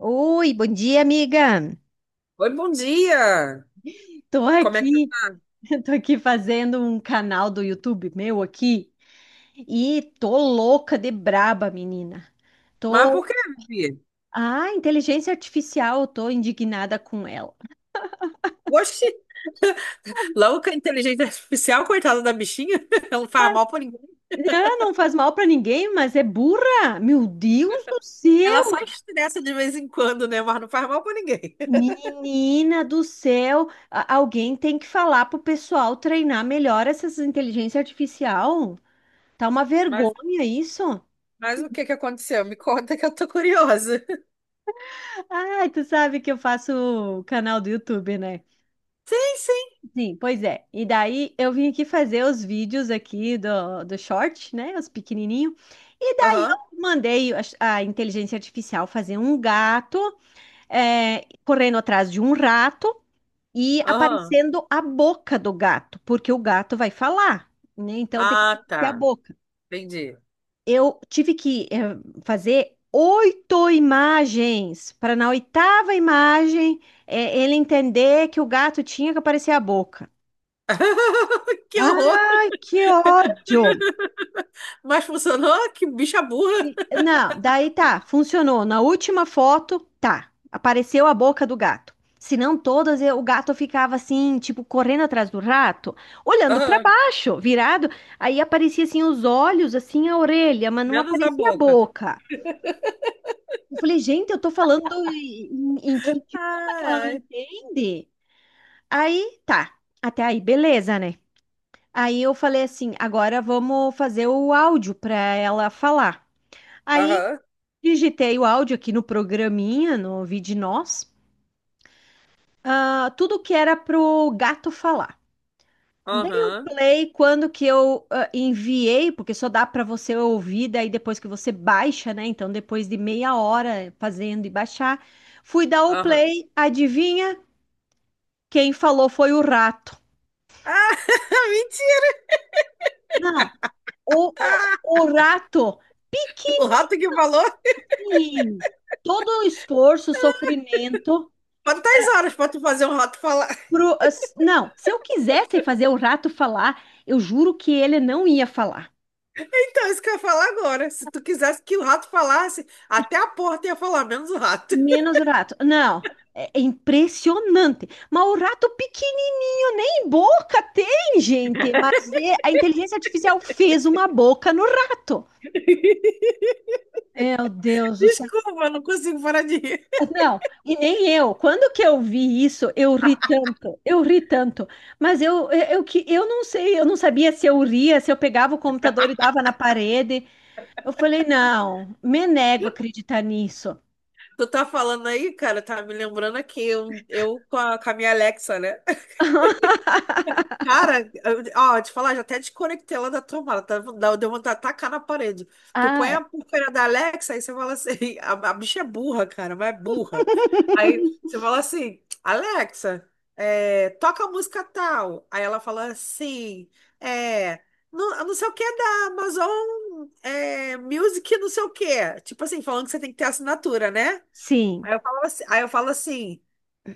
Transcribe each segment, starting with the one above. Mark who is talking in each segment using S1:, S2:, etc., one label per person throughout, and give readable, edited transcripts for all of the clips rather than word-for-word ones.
S1: Oi, bom dia, amiga.
S2: Oi, bom dia!
S1: Tô
S2: Como é que tu
S1: aqui,
S2: tá?
S1: tô aqui fazendo um canal do YouTube meu aqui e tô louca de braba, menina.
S2: Mas por
S1: Tô,
S2: quê? Bia?
S1: Inteligência artificial, tô indignada com ela.
S2: Oxi, logo inteligência artificial, coitada da bichinha, ela não faz mal pra ninguém.
S1: Ah, não faz mal pra ninguém, mas é burra. Meu Deus do
S2: Ela só
S1: céu,
S2: estressa de vez em quando, né? Mas não faz mal pra ninguém.
S1: menina do céu. Alguém tem que falar pro pessoal treinar melhor essas inteligência artificial. Tá uma
S2: Mas,
S1: vergonha isso.
S2: mas o que que aconteceu? Me conta que eu tô curiosa.
S1: Ai, tu sabe que eu faço canal do YouTube, né?
S2: Sim, sim.
S1: Sim, pois é. E daí eu vim aqui fazer os vídeos aqui do short, né? Os pequenininhos. E daí
S2: Aham,
S1: eu mandei a inteligência artificial fazer um gato correndo atrás de um rato e
S2: aham.
S1: aparecendo a boca do gato, porque o gato vai falar, né? Então tem que
S2: Ah,
S1: ter a
S2: tá.
S1: boca.
S2: Entendi.
S1: Eu tive que fazer oito imagens para na oitava imagem ele entender que o gato tinha que aparecer a boca.
S2: Que horror!
S1: Ai, que ódio!
S2: Mas funcionou? Que bicha burra!
S1: Não, daí tá, funcionou. Na última foto, tá, apareceu a boca do gato. Se não todas, o gato ficava assim, tipo, correndo atrás do rato, olhando para
S2: Aham,
S1: baixo, virado. Aí aparecia assim os olhos, assim a orelha, mas não
S2: menos a
S1: aparecia a
S2: boca.
S1: boca. Eu falei, gente, eu tô falando em que idioma que ela não
S2: Ai, ai.
S1: entende? Aí, tá. Até aí, beleza, né? Aí eu falei assim, agora vamos fazer o áudio para ela falar. Aí
S2: Aham,
S1: digitei o áudio aqui no programinha, no Vide Nós, ah, tudo que era pro gato falar. Dei o
S2: aham,
S1: play quando que eu enviei, porque só dá para você ouvir, daí depois que você baixa, né? Então, depois de meia hora fazendo e baixar, fui dar o
S2: aham.
S1: play, adivinha? Quem falou foi o rato.
S2: Ah, mentira!
S1: Não, o rato
S2: O rato que falou.
S1: pequenininho. Todo o esforço, sofrimento.
S2: Quantas horas para tu fazer um rato falar?
S1: Não, se eu quisesse fazer o rato falar, eu juro que ele não ia falar.
S2: Então, isso que eu ia falar agora. Se tu quisesse que o rato falasse, até a porta ia falar, menos o rato.
S1: Menos o rato. Não, é impressionante. Mas o rato pequenininho nem boca tem, gente. Mas é, a inteligência artificial fez uma boca no rato. Meu Deus do céu.
S2: Desculpa, eu não consigo parar de rir.
S1: Não, e nem eu. Quando que eu vi isso, eu ri tanto, eu ri tanto. Mas eu que eu não sei, eu não sabia se eu ria, se eu pegava o computador e dava na parede. Eu falei, não, me nego a acreditar nisso.
S2: Tu tá falando aí, cara, tá me lembrando aqui, eu com a minha Alexa, né? Cara, ó, te falar, já até desconectei ela da tomada, tá, deu vontade de tacar na parede. Tu
S1: Ah,
S2: põe a
S1: é.
S2: porcaria da Alexa, aí você fala assim, a bicha é burra, cara, mas é burra. Aí você fala assim, Alexa, toca a música tal. Aí ela fala assim, é, não, não sei o que é da Amazon Music, não sei o que. Tipo assim, falando que você tem que ter assinatura, né?
S1: Sim.
S2: Aí eu falo assim.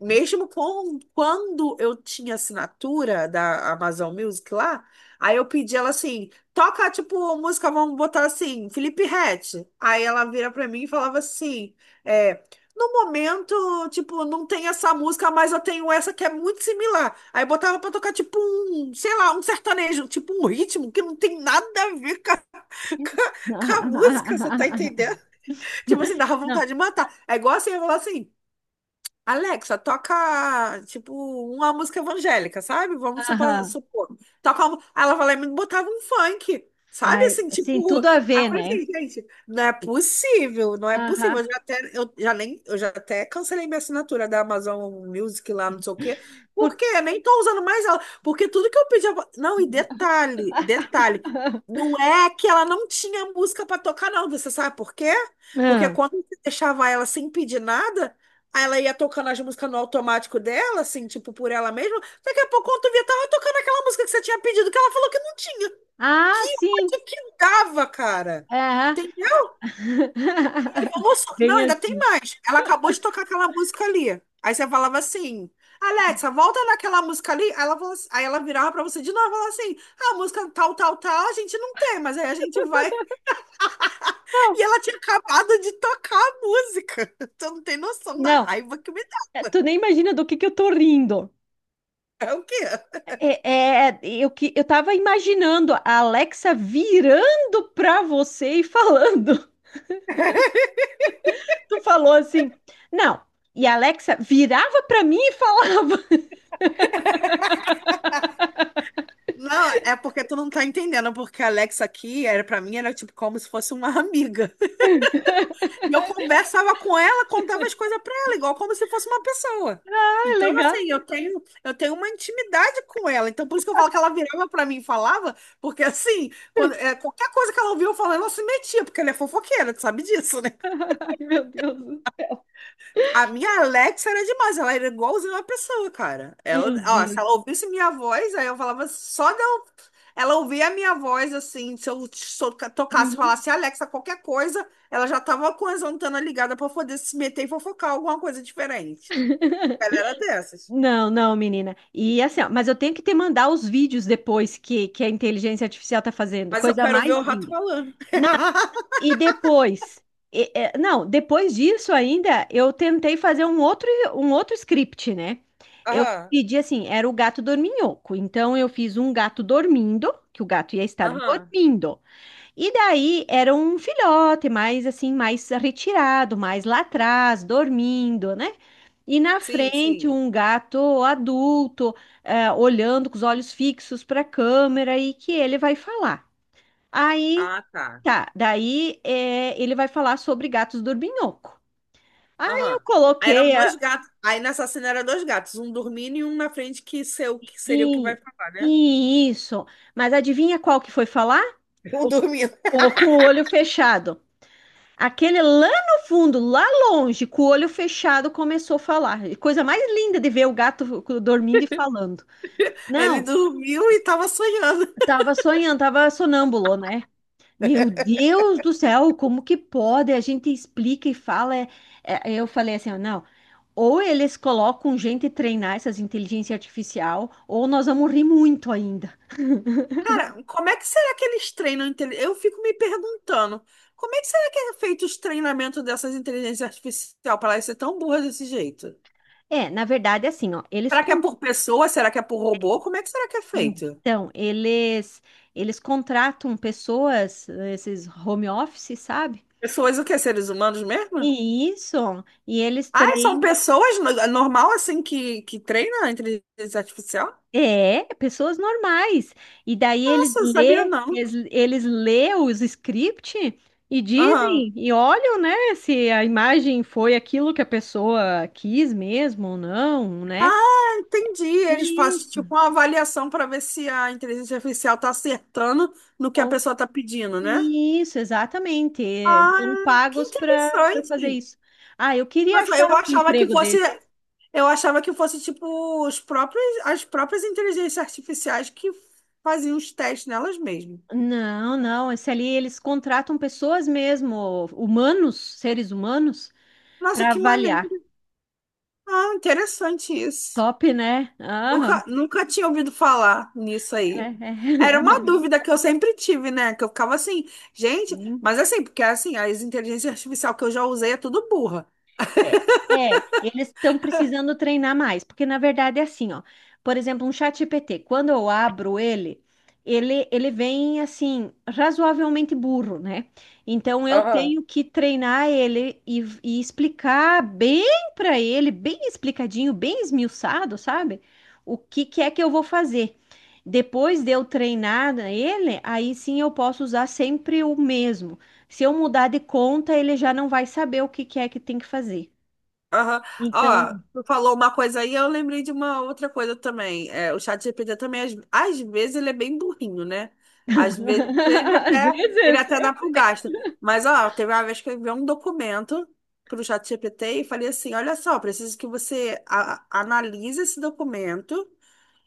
S2: Mesmo quando eu tinha assinatura da Amazon Music lá, aí eu pedi ela assim, toca tipo música, vamos botar assim, Felipe Ret. Aí ela vira pra mim e falava assim, é, no momento, tipo, não tem essa música, mas eu tenho essa que é muito similar. Aí botava pra tocar tipo um, sei lá, um sertanejo, tipo um ritmo que não tem nada a ver com a- com a música, você tá entendendo? Tipo assim, dava
S1: Não.
S2: vontade de matar. É igual assim, eu falar assim, Alexa, toca, tipo, uma música evangélica, sabe? Vamos supor.
S1: Aham.
S2: supor. Toca uma. Aí ela vai lá e me botava um funk, sabe?
S1: Ai,
S2: Assim,
S1: sim,
S2: tipo.
S1: tudo a
S2: Aí eu
S1: ver,
S2: falei
S1: né?
S2: assim, gente, não é possível, não é possível.
S1: Aham.
S2: Eu já até, eu já nem, eu já até cancelei minha assinatura da Amazon Music lá, não sei o quê.
S1: Por...
S2: Porque eu nem tô usando mais ela. Porque tudo que eu pedia. Não, e detalhe, detalhe. Não é que ela não tinha música pra tocar, não. Você sabe por quê? Porque
S1: Ah,
S2: quando você deixava ela sem pedir nada. Aí ela ia tocando as músicas no automático dela, assim, tipo, por ela mesma. Daqui a pouco, quando tu via, tava tocando aquela música que você tinha pedido, que ela falou que não tinha. Que
S1: Ah, sim.
S2: ódio que dava, cara.
S1: Aham.
S2: Tem. Ai, não,
S1: Bem
S2: ainda tem
S1: assim.
S2: mais. Ela acabou de tocar aquela música ali. Aí você falava assim, Alexa, volta naquela música ali. Aí ela virava pra você de novo e falava assim, a música tal, tal, tal, a gente não tem, mas aí a gente vai. E
S1: Não,
S2: ela tinha acabado de tocar a música. Tu não tem noção da
S1: não,
S2: raiva que me dá.
S1: é, tu nem imagina do que eu tô rindo.
S2: É o quê?
S1: Eu que eu tava imaginando a Alexa virando pra você e falando. Tu falou assim, não. E a Alexa virava pra mim e falava.
S2: Não, é porque tu não tá entendendo, porque a Alexa aqui era para mim era tipo como se fosse uma amiga. E eu conversava com ela, contava as coisas para ela, igual como se fosse uma pessoa.
S1: Ai,
S2: Então,
S1: legal.
S2: assim, eu tenho uma intimidade com ela. Então, por isso que eu falo que ela virava para mim e falava, porque assim, qualquer coisa que ela ouvia eu falando ela se metia, porque ela é fofoqueira, tu sabe disso, né?
S1: Ai, meu Deus do céu.
S2: A minha Alexa era demais, ela era igualzinha uma pessoa, cara. Ela,
S1: Meu
S2: ó, se
S1: Deus.
S2: ela ouvisse minha voz, aí eu falava só de eu. Ela ouvia a minha voz, assim, se eu tocasse,
S1: Uhum.
S2: falasse Alexa, qualquer coisa, ela já tava com as antenas ligadas pra poder se meter e fofocar alguma coisa diferente. Ela era dessas.
S1: Não, não, menina. E assim, ó, mas eu tenho que te mandar os vídeos depois que a inteligência artificial tá fazendo.
S2: Mas eu
S1: Coisa
S2: quero ver
S1: mais
S2: o rato
S1: linda.
S2: falando.
S1: E depois, não, depois disso ainda, eu tentei fazer um outro script, né? Eu
S2: Aham,
S1: pedi assim, era o gato dorminhoco. Então eu fiz um gato dormindo, que o gato ia estar
S2: aham.
S1: dormindo. E daí era um filhote, mais assim, mais retirado, mais lá atrás, dormindo, né? E na
S2: Sim,
S1: frente
S2: sim.
S1: um gato adulto, olhando com os olhos fixos para a câmera e que ele vai falar. Aí
S2: Ah, tá.
S1: tá, ele vai falar sobre gatos dorminhoco. Aí eu
S2: Aham. Aí eram
S1: coloquei
S2: dois
S1: a,
S2: gatos. Aí nessa cena eram dois gatos, um dormindo e um na frente, que seria o que vai
S1: e,
S2: falar, né?
S1: isso, mas adivinha qual que foi falar?
S2: Eu
S1: O,
S2: dormindo.
S1: o com o olho fechado. Aquele lá no fundo, lá longe, com o olho fechado, começou a falar. E coisa mais linda de ver o gato dormindo e falando.
S2: Ele
S1: Não,
S2: dormiu e estava sonhando.
S1: tava sonhando, tava sonâmbulo, né? Meu Deus do céu, como que pode? A gente explica e fala. Eu falei assim, ó, não. Ou eles colocam gente treinar essas inteligência artificial, ou nós vamos rir muito ainda.
S2: Cara, como é que será que eles treinam? Eu fico me perguntando, como é que será que é feito os treinamentos dessas inteligências artificiais para elas ser tão burras desse jeito?
S1: É, na verdade, é assim, ó, eles
S2: Será que é
S1: con-
S2: por pessoa? Será que é por robô? Como é que será que é feito?
S1: então, eles eles contratam pessoas, esses home office, sabe?
S2: Pessoas o quê? Seres humanos mesmo?
S1: E isso, e eles
S2: Ah, são
S1: treinam
S2: pessoas normal assim que treinam a inteligência artificial?
S1: é, pessoas normais. E daí
S2: Nossa, eu sabia não.
S1: eles lê os script e
S2: Aham.
S1: dizem, e olham, né, se a imagem foi aquilo que a pessoa quis mesmo ou não, né?
S2: Ah, entendi. Eles fazem
S1: Isso.
S2: tipo uma avaliação para ver se a inteligência artificial está acertando no que a
S1: O-
S2: pessoa está pedindo, né?
S1: Isso, exatamente. É,
S2: Ah,
S1: são
S2: que
S1: pagos para fazer
S2: interessante.
S1: isso. Ah, eu queria
S2: Nossa,
S1: achar um emprego desse.
S2: eu achava que fosse tipo os próprios, as próprias inteligências artificiais que faziam os testes nelas mesmas.
S1: Não, não, esse ali eles contratam pessoas mesmo, humanos, seres humanos,
S2: Nossa,
S1: para
S2: que
S1: avaliar.
S2: maneiro. Ah, interessante isso.
S1: Top, né? Aham.
S2: Nunca, nunca tinha ouvido falar nisso
S1: É,
S2: aí. Era uma
S1: é.
S2: dúvida que eu sempre tive, né? Que eu ficava assim, gente,
S1: Sim.
S2: mas assim, porque assim, as inteligências artificial que eu já usei é tudo burra.
S1: É, Eles estão precisando treinar mais, porque na verdade é assim, ó. Por exemplo, um chat GPT, quando eu abro ele, ele vem assim, razoavelmente burro, né? Então eu
S2: Aham.
S1: tenho que treinar ele e explicar bem para ele, bem explicadinho, bem esmiuçado, sabe? O que que é que eu vou fazer. Depois de eu treinar ele, aí sim eu posso usar sempre o mesmo. Se eu mudar de conta, ele já não vai saber o que que é que tem que fazer.
S2: Aham. Ó,
S1: Então,
S2: tu falou uma coisa aí, eu lembrei de uma outra coisa também. É, o ChatGPT também, às vezes, ele é bem burrinho, né? Às vezes ele
S1: às
S2: até, ele
S1: vezes.
S2: até dá pro gasto. Mas, ó, teve uma vez que eu enviei um documento pro ChatGPT e falei assim: olha só, preciso que você analise esse documento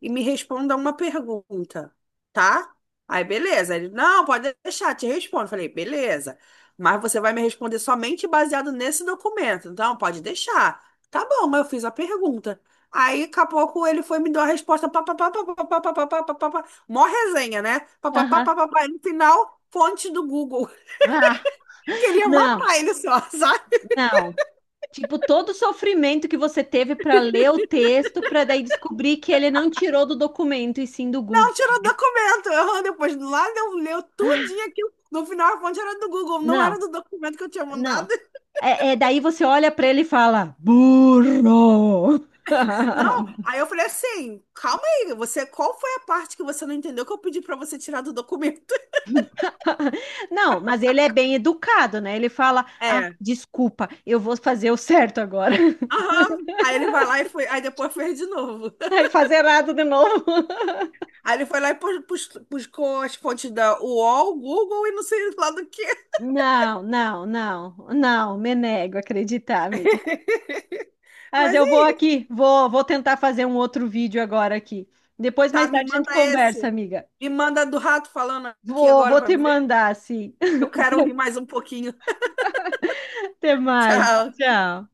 S2: e me responda uma pergunta, tá? Aí, beleza. Ele, não, pode deixar, te respondo. Eu falei, beleza. Mas você vai me responder somente baseado nesse documento. Então, pode deixar. Tá bom, mas eu fiz a pergunta. Aí, daqui a pouco, ele foi e me dar a resposta. Pá, pá, pá, pá, pá, pá, pá, pá, pá, pá, pá, pá. Mó resenha, né? Pá, pá, pá,
S1: Aham.
S2: pá, pá, pá. E no final, fonte do Google.
S1: Ah,
S2: Queria
S1: não,
S2: matar ele só, sabe?
S1: não. Tipo, todo o sofrimento que você teve para ler o texto, para daí descobrir que ele não tirou do documento e sim do Google.
S2: Não, tirou o documento. Eu, depois, lá, leu tudinho
S1: Ah,
S2: aquilo. No final, a fonte era do Google, não
S1: não,
S2: era do documento que eu tinha mandado.
S1: não. Daí você olha para ele e fala, burro!
S2: Não, aí eu falei assim, calma aí, qual foi a parte que você não entendeu que eu pedi pra você tirar do documento?
S1: Não, mas ele é bem educado, né? Ele fala, ah,
S2: É,
S1: desculpa, eu vou fazer o certo agora.
S2: aham. Aí ele vai lá e foi, aí depois fez de novo.
S1: Aí fazer errado de novo.
S2: Aí ele foi lá e buscou as fontes da UOL, Google e não sei lá do que.
S1: Não, não, não, não, me nego a acreditar, amiga. Mas
S2: Mas e
S1: eu vou
S2: aí,
S1: aqui, vou tentar fazer um outro vídeo agora aqui. Depois,
S2: tá,
S1: mais
S2: me
S1: tarde, a gente
S2: manda
S1: conversa,
S2: esse.
S1: amiga.
S2: Me manda do rato falando aqui
S1: Vou,
S2: agora
S1: vou
S2: pra
S1: te
S2: me ver.
S1: mandar, sim.
S2: Eu quero rir mais um pouquinho.
S1: Até mais.
S2: Tchau.
S1: Tchau.